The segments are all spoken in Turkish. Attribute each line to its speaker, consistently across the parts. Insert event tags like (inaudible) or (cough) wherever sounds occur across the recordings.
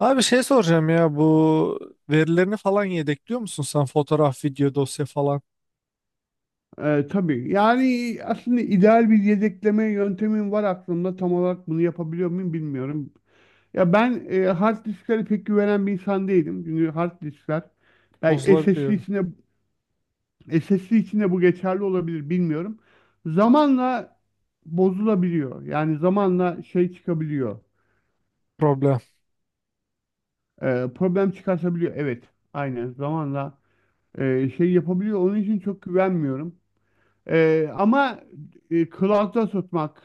Speaker 1: Abi şey soracağım ya, bu verilerini falan yedekliyor musun sen? Fotoğraf, video, dosya falan
Speaker 2: Tabii. Yani aslında ideal bir yedekleme yöntemim var aklımda. Tam olarak bunu yapabiliyor muyum bilmiyorum. Ya ben hard disklere pek güvenen bir insan değilim. Çünkü hard diskler belki SSD
Speaker 1: bozulabiliyor,
Speaker 2: içinde SSD içinde bu geçerli olabilir bilmiyorum. Zamanla bozulabiliyor. Yani zamanla şey çıkabiliyor.
Speaker 1: problem.
Speaker 2: Problem çıkartabiliyor. Evet. Aynen. Zamanla şey yapabiliyor. Onun için çok güvenmiyorum. Ama cloud'da tutmak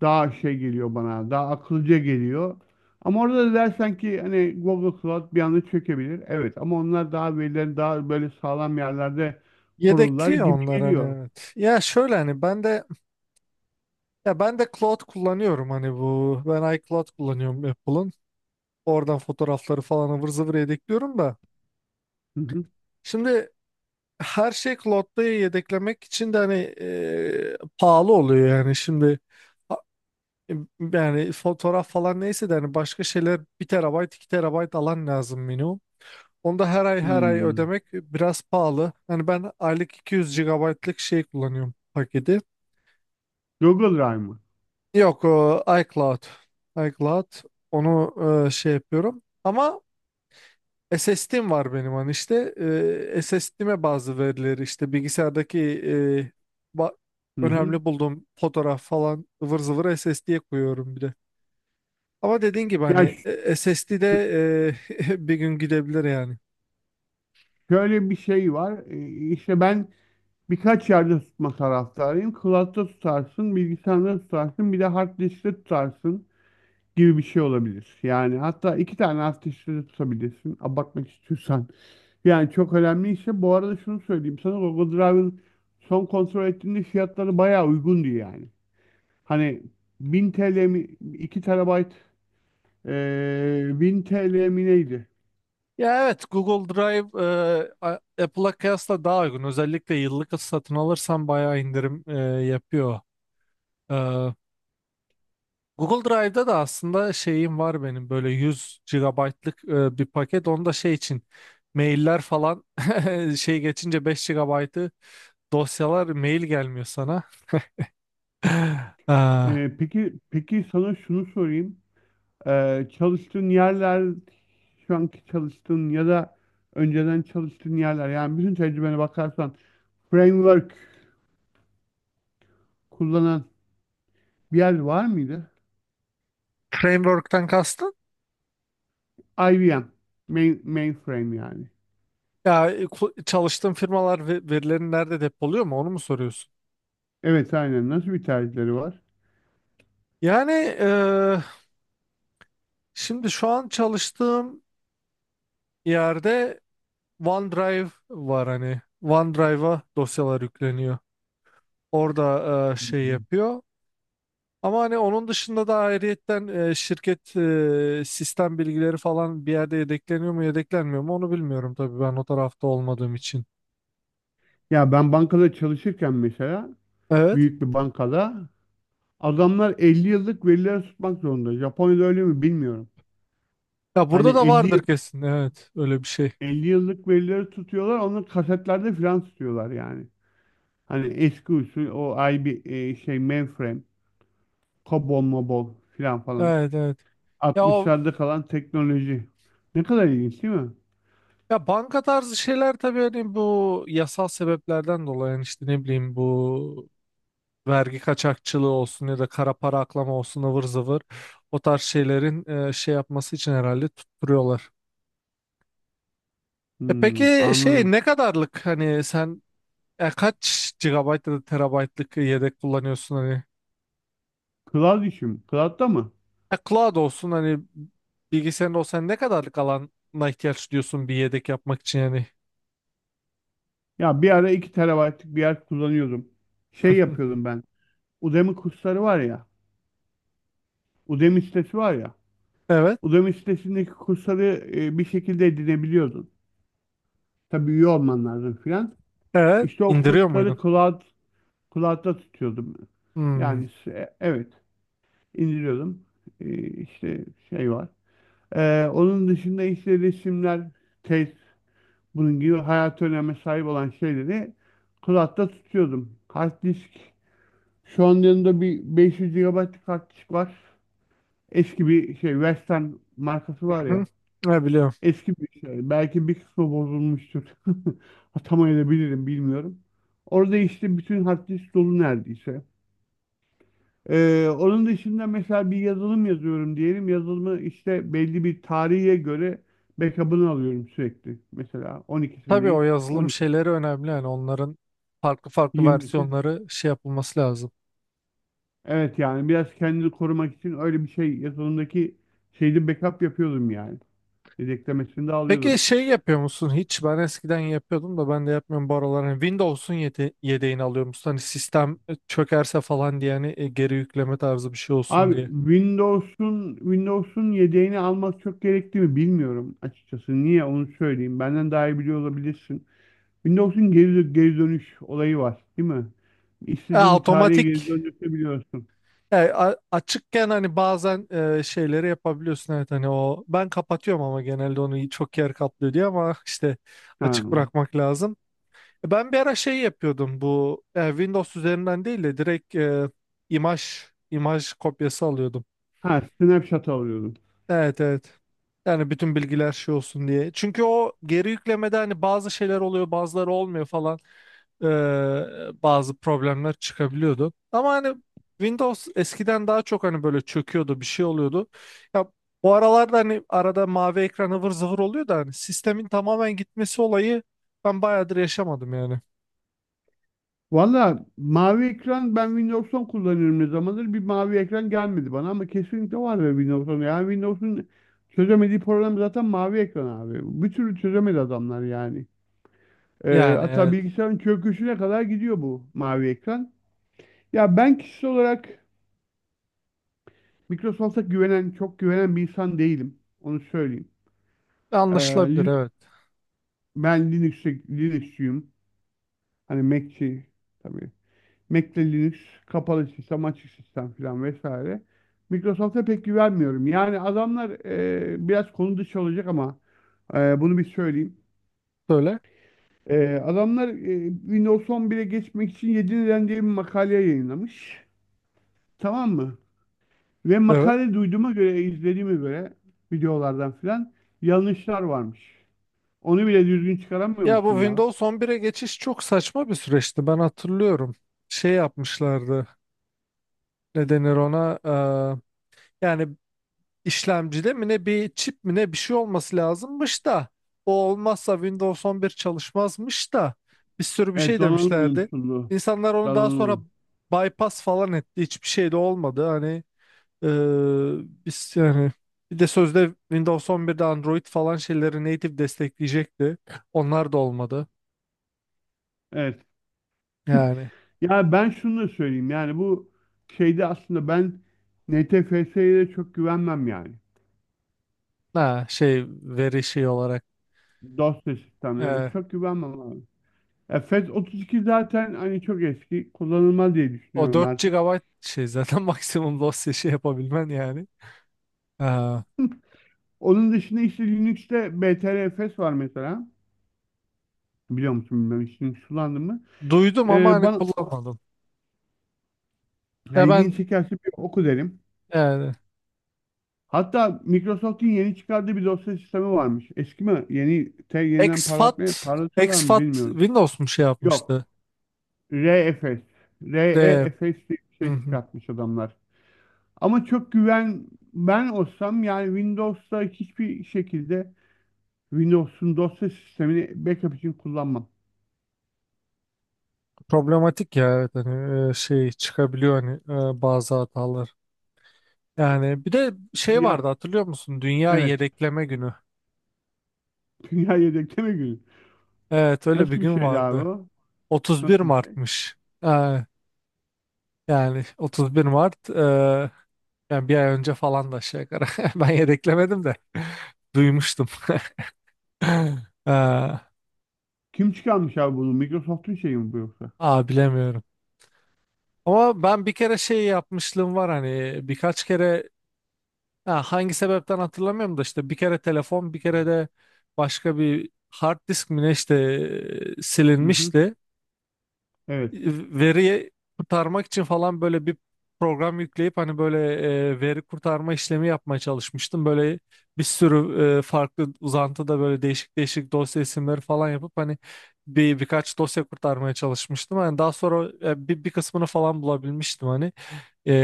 Speaker 2: daha şey geliyor bana, daha akılcı geliyor. Ama orada da dersen ki hani Google Cloud bir anda çökebilir. Evet ama onlar daha verilerini daha böyle sağlam yerlerde korurlar
Speaker 1: Yedekliyor
Speaker 2: gibi
Speaker 1: onlar, hani
Speaker 2: geliyor.
Speaker 1: evet. Ya şöyle, hani ben de, ben de cloud kullanıyorum, hani bu ben iCloud kullanıyorum Apple'ın. Oradan fotoğrafları falan ıvır zıvır yedekliyorum da.
Speaker 2: Hı hı.
Speaker 1: Şimdi her şey cloud'da yedeklemek için de hani pahalı oluyor yani. Şimdi a- yani fotoğraf falan neyse de, hani başka şeyler, bir terabayt 2 terabayt alan lazım minimum. Onu da her ay her ay
Speaker 2: Hmm.
Speaker 1: ödemek biraz pahalı. Hani ben aylık 200 gigabaytlık şey kullanıyorum, paketi.
Speaker 2: Google Drive mı?
Speaker 1: Yok, o iCloud. iCloud onu şey yapıyorum. Ama SSD'm var benim, hani işte SSD'me bazı verileri, işte bilgisayardaki e, ba-
Speaker 2: Hı hı.
Speaker 1: önemli bulduğum fotoğraf falan ıvır zıvır SSD'ye koyuyorum bir de. Ama dediğin gibi
Speaker 2: Ya
Speaker 1: hani SSD'de (laughs) bir gün gidebilir yani.
Speaker 2: şöyle bir şey var. İşte ben birkaç yerde tutma taraftarıyım. Cloud'da tutarsın, bilgisayarda tutarsın, bir de hard diskte tutarsın gibi bir şey olabilir. Yani hatta iki tane hard diskte de tutabilirsin abartmak istiyorsan. Yani çok önemli işte. Bu arada şunu söyleyeyim sana, Google Drive'ın son kontrol ettiğinde fiyatları bayağı uygundu yani. Hani 1000 TL mi, 2 terabayt, 1000 TL mi neydi?
Speaker 1: Ya evet, Google Drive Apple'a kıyasla daha uygun. Özellikle yıllık satın alırsan bayağı indirim yapıyor. E, Google Drive'da da aslında şeyim var benim, böyle 100 gigabaytlık bir paket. Onda şey için mailler falan (laughs) şey geçince 5 gigabaytı, dosyalar, mail gelmiyor sana. (laughs) E,
Speaker 2: Peki peki sana şunu sorayım. Çalıştığın yerler, şu anki çalıştığın ya da önceden çalıştığın yerler, yani bütün tecrübene bakarsan framework kullanan bir yer var mıydı?
Speaker 1: Framework'ten kastın?
Speaker 2: IBM, mainframe yani.
Speaker 1: Ya çalıştığın firmalar verilerini nerede depoluyor mu, onu mu soruyorsun?
Speaker 2: Evet aynen. Nasıl bir tercihleri var?
Speaker 1: Yani e, şimdi şu an çalıştığım yerde OneDrive var hani. OneDrive'a dosyalar yükleniyor. Orada
Speaker 2: Hı
Speaker 1: şey
Speaker 2: hı.
Speaker 1: yapıyor. Ama hani onun dışında da ayrıyetten şirket sistem bilgileri falan bir yerde yedekleniyor mu, yedeklenmiyor mu, onu bilmiyorum tabii, ben o tarafta olmadığım için.
Speaker 2: Ya ben bankada çalışırken mesela,
Speaker 1: Evet.
Speaker 2: büyük bir bankada, adamlar 50 yıllık verileri tutmak zorunda. Japonya'da öyle mi bilmiyorum.
Speaker 1: Ya
Speaker 2: Hani
Speaker 1: burada da
Speaker 2: 50
Speaker 1: vardır
Speaker 2: yıl
Speaker 1: kesin. Evet, öyle bir şey.
Speaker 2: 50 yıllık verileri tutuyorlar, onu kasetlerde filan tutuyorlar yani. Hani eski usul, o IB e, şey mainframe, COBOL, MOBOL filan falan.
Speaker 1: Evet, evet. Ya o,
Speaker 2: 60'larda kalan teknoloji. Ne kadar ilginç değil mi?
Speaker 1: ya banka tarzı şeyler tabii hani, bu yasal sebeplerden dolayı. Yani işte ne bileyim, bu vergi kaçakçılığı olsun ya da kara para aklama olsun ıvır zıvır, o tarz şeylerin şey yapması için herhalde tutturuyorlar. E
Speaker 2: Hmm,
Speaker 1: peki şey,
Speaker 2: anladım.
Speaker 1: ne kadarlık, hani sen kaç gigabayt ya da terabaytlık yedek kullanıyorsun hani?
Speaker 2: Cloud işim. Cloud'da mı?
Speaker 1: Cloud olsun hani, bilgisayarın olsa ne kadarlık alana ihtiyaç duyuyorsun bir yedek yapmak için yani?
Speaker 2: Ya bir ara 2 terabaytlık bir yer kullanıyordum. Şey
Speaker 1: (laughs)
Speaker 2: yapıyordum ben. Udemy kursları var ya. Udemy sitesi var ya.
Speaker 1: Evet,
Speaker 2: Udemy sitesindeki kursları bir şekilde edinebiliyordun. Tabii üye olman lazım filan.
Speaker 1: evet.
Speaker 2: İşte o
Speaker 1: İndiriyor
Speaker 2: kursları
Speaker 1: muydun?
Speaker 2: cloud'da tutuyordum.
Speaker 1: Hmm.
Speaker 2: Yani evet, indiriyordum. İşte şey var. Onun dışında işte resimler, tez, bunun gibi hayat öneme sahip olan şeyleri cloud'da tutuyordum. Hard disk Şu an yanında bir 500 GB kart var. Eski bir şey, Western markası var
Speaker 1: Hı-hı.
Speaker 2: ya.
Speaker 1: Ne biliyorum.
Speaker 2: Eski bir şey. Belki bir kısmı bozulmuştur. (laughs) Atamayabilirim, bilmiyorum. Orada işte bütün hard disk dolu neredeyse. Onun dışında mesela bir yazılım yazıyorum diyelim. Yazılımı işte belli bir tarihe göre backup'ını alıyorum sürekli. Mesela
Speaker 1: Tabii
Speaker 2: 12'sindeyiz.
Speaker 1: o yazılım
Speaker 2: 12'si.
Speaker 1: şeyleri önemli yani, onların farklı farklı
Speaker 2: 20'si.
Speaker 1: versiyonları şey yapılması lazım.
Speaker 2: Evet, yani biraz kendini korumak için öyle bir şey yazılımdaki şeyde backup yapıyordum yani. Yedeklemesini de
Speaker 1: Peki
Speaker 2: alıyordum.
Speaker 1: şey yapıyor musun hiç? Ben eskiden yapıyordum da, ben de yapmıyorum bu aralar. Hani Windows'un yedeğini alıyor musun? Hani sistem çökerse falan diye, hani geri yükleme tarzı bir şey olsun
Speaker 2: Abi,
Speaker 1: diye.
Speaker 2: Windows'un yedeğini almak çok gerekli mi bilmiyorum açıkçası. Niye onu söyleyeyim. Benden daha iyi biliyor olabilirsin. Windows'un geri dönüş olayı var, değil mi? İstediğin bir tarihe
Speaker 1: Otomatik
Speaker 2: geri döndürebiliyorsun.
Speaker 1: açıkken hani bazen şeyleri yapabiliyorsun, evet. Hani o ben kapatıyorum ama, genelde onu çok yer kaplıyor diye, ama işte
Speaker 2: Ha.
Speaker 1: açık bırakmak lazım. Ben bir ara şey yapıyordum, bu Windows üzerinden değil de direkt imaj imaj kopyası alıyordum.
Speaker 2: Ha, snapshot alıyordum.
Speaker 1: Evet evet. Yani bütün bilgiler şey olsun diye. Çünkü o geri yüklemede hani bazı şeyler oluyor, bazıları olmuyor falan. Ee, Bazı problemler çıkabiliyordu. Ama hani Windows eskiden daha çok hani böyle çöküyordu, bir şey oluyordu. Ya bu aralarda hani arada mavi ekran ıvır zıvır oluyor da, hani sistemin tamamen gitmesi olayı, ben bayağıdır yaşamadım yani.
Speaker 2: Valla mavi ekran, ben Windows 10 kullanıyorum ne zamandır. Bir mavi ekran gelmedi bana, ama kesinlikle var ya Windows 10. Yani Windows'un çözemediği problem zaten mavi ekran abi. Bir türlü çözemedi adamlar yani.
Speaker 1: Yani
Speaker 2: Hatta
Speaker 1: evet.
Speaker 2: bilgisayarın çöküşüne kadar gidiyor bu mavi ekran. Ya ben kişisel olarak Microsoft'a güvenen, çok güvenen bir insan değilim. Onu söyleyeyim. Ee,
Speaker 1: Anlaşılabilir,
Speaker 2: Lin-
Speaker 1: evet.
Speaker 2: ben Linux'çuyum. Hani Mac'çi tabii. Mac'le Linux, kapalı sistem, açık sistem falan vesaire. Microsoft'a pek güvenmiyorum. Yani adamlar biraz konu dışı olacak ama bunu bir söyleyeyim.
Speaker 1: Böyle.
Speaker 2: Adamlar Windows 11'e geçmek için 7 neden diye bir makale yayınlamış. Tamam mı? Ve
Speaker 1: Evet.
Speaker 2: makale, duyduğuma göre, izlediğime göre, videolardan filan, yanlışlar varmış. Onu bile düzgün çıkaramıyor
Speaker 1: Ya bu
Speaker 2: musun ya?
Speaker 1: Windows 11'e geçiş çok saçma bir süreçti. Ben hatırlıyorum. Şey yapmışlardı. Ne denir ona? Yani işlemcide mi ne, bir çip mi ne, bir şey olması lazımmış da, o olmazsa Windows 11 çalışmazmış da, bir sürü bir
Speaker 2: Evet,
Speaker 1: şey
Speaker 2: donanım
Speaker 1: demişlerdi.
Speaker 2: uyumsuzluğu.
Speaker 1: İnsanlar onu daha
Speaker 2: Donanım.
Speaker 1: sonra
Speaker 2: uyum-
Speaker 1: bypass falan etti. Hiçbir şey de olmadı. Hani ee, biz yani, bir de sözde Windows 11'de Android falan şeyleri native destekleyecekti. Onlar da olmadı.
Speaker 2: Evet.
Speaker 1: Yani.
Speaker 2: Ya ben şunu da söyleyeyim. Yani bu şeyde aslında ben NTFS'ye de çok güvenmem yani.
Speaker 1: Ha, şey, veri şey olarak.
Speaker 2: Dosya sistemlerine
Speaker 1: Ee,
Speaker 2: çok güvenmem abi. Ya FET 32 zaten hani çok eski. Kullanılmaz diye
Speaker 1: O
Speaker 2: düşünüyorum
Speaker 1: 4
Speaker 2: artık.
Speaker 1: GB şey zaten, (laughs) maksimum dosya şey yapabilmen yani. Ha,
Speaker 2: Onun dışında işte Linux'te BTRFS var mesela. Biliyor musun bilmem, hiç Linux kullandın mı?
Speaker 1: duydum ama hani
Speaker 2: Bana
Speaker 1: kullanmadım. Ya
Speaker 2: yani ilgini
Speaker 1: ben
Speaker 2: çekerse bir oku derim.
Speaker 1: yani,
Speaker 2: Hatta Microsoft'un yeni çıkardığı bir dosya sistemi varmış. Eski mi? Yeniden
Speaker 1: exFAT
Speaker 2: parlatıyorlar mı
Speaker 1: exFAT
Speaker 2: bilmiyorum.
Speaker 1: Windows mu şey
Speaker 2: Yok.
Speaker 1: yapmıştı?
Speaker 2: ReFS,
Speaker 1: De,
Speaker 2: REFS diye bir
Speaker 1: hı
Speaker 2: şey
Speaker 1: hı.
Speaker 2: çıkartmış adamlar. Ama çok güven ben olsam yani Windows'ta hiçbir şekilde Windows'un dosya sistemini backup için kullanmam.
Speaker 1: Problematik ya, evet, hani şey çıkabiliyor, hani bazı hatalar. Yani bir de şey
Speaker 2: Ya
Speaker 1: vardı, hatırlıyor musun? Dünya
Speaker 2: evet.
Speaker 1: yedekleme günü.
Speaker 2: (laughs) Dünya yedekleme günü.
Speaker 1: Evet, öyle bir
Speaker 2: Nasıl bir
Speaker 1: gün
Speaker 2: şeydi abi
Speaker 1: vardı.
Speaker 2: o?
Speaker 1: otuz bir
Speaker 2: Nasıl bir şey?
Speaker 1: Mart'mış. Ha, yani 31 Mart yani bir ay önce falan da aşağı yukarı. (laughs) Ben yedeklemedim de (laughs) duymuştum. (laughs) Aa,
Speaker 2: Kim çıkarmış abi bunu? Microsoft'un şeyi mi bu yoksa?
Speaker 1: aa, bilemiyorum. Ama ben bir kere şey yapmışlığım var hani, birkaç kere, ha, hangi sebepten hatırlamıyorum da işte. Bir kere telefon, bir kere de başka bir hard disk mi ne işte,
Speaker 2: Hı hı.
Speaker 1: silinmişti.
Speaker 2: Evet,
Speaker 1: Veriyi kurtarmak için falan böyle bir program yükleyip, hani böyle veri kurtarma işlemi yapmaya çalışmıştım. Böyle bir sürü farklı uzantıda böyle değişik değişik dosya isimleri falan yapıp, hani birkaç dosya kurtarmaya çalışmıştım. Hani daha sonra bir kısmını falan bulabilmiştim hani. E,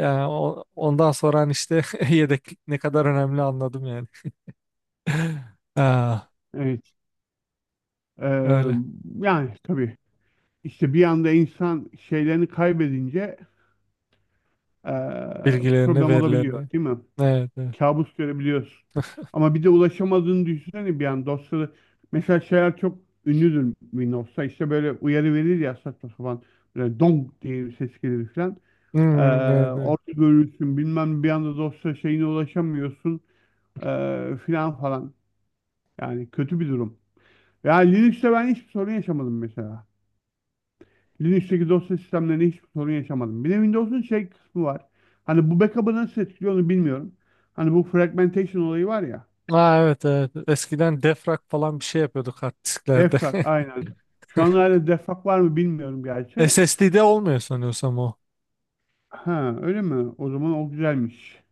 Speaker 1: Yani ondan sonra hani işte (laughs) yedeklik ne kadar önemli anladım yani. (laughs) Ha,
Speaker 2: evet. Ee,
Speaker 1: öyle.
Speaker 2: yani tabii işte bir anda insan şeylerini kaybedince ee,
Speaker 1: Bilgilerini,
Speaker 2: problem olabiliyor,
Speaker 1: verilerini.
Speaker 2: değil mi?
Speaker 1: Evet, evet.
Speaker 2: Kabus görebiliyorsun. Ama bir de ulaşamadığını düşünsene bir an dosyaları. Mesela şeyler çok ünlüdür Windows'ta. İşte böyle uyarı verir ya saçma sapan. Böyle dong diye bir ses gelir falan. Ee,
Speaker 1: Hmm, evet, evet.
Speaker 2: orada görürsün bilmem, bir anda dosya şeyine ulaşamıyorsun filan falan. Yani kötü bir durum. Yani Linux'te ben hiçbir sorun yaşamadım mesela. Linux'teki dosya sistemlerinde hiçbir sorun yaşamadım. Bir de Windows'un şey kısmı var. Hani bu backup'ı nasıl etkiliyor onu bilmiyorum. Hani bu fragmentation olayı var ya.
Speaker 1: Aa, evet evet. Eskiden defrag falan bir şey yapıyorduk hard disklerde.
Speaker 2: Defrag, aynen. Şu an
Speaker 1: (laughs)
Speaker 2: hala defrag var mı bilmiyorum gerçi.
Speaker 1: SSD'de olmuyor sanıyorsam o.
Speaker 2: Ha, öyle mi? O zaman o güzelmiş.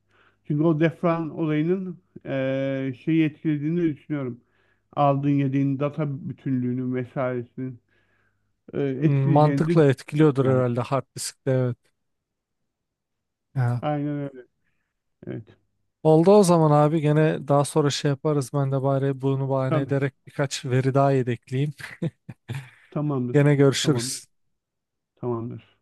Speaker 2: Çünkü o defrag olayının şeyi etkilediğini düşünüyorum. Aldığın yediğin data bütünlüğünün vesairesinin
Speaker 1: Hmm,
Speaker 2: etkileyeceğini de
Speaker 1: mantıkla
Speaker 2: düşünüyorum
Speaker 1: etkiliyordur
Speaker 2: yani.
Speaker 1: herhalde hard diskte, evet. Ya.
Speaker 2: Aynen öyle. Evet.
Speaker 1: Oldu o zaman abi, gene daha sonra şey yaparız, ben de bari bunu bahane
Speaker 2: Tamam.
Speaker 1: ederek birkaç veri daha yedekleyeyim.
Speaker 2: Tamamdır.
Speaker 1: Gene
Speaker 2: Tamamdır.
Speaker 1: görüşürüz.
Speaker 2: Tamamdır.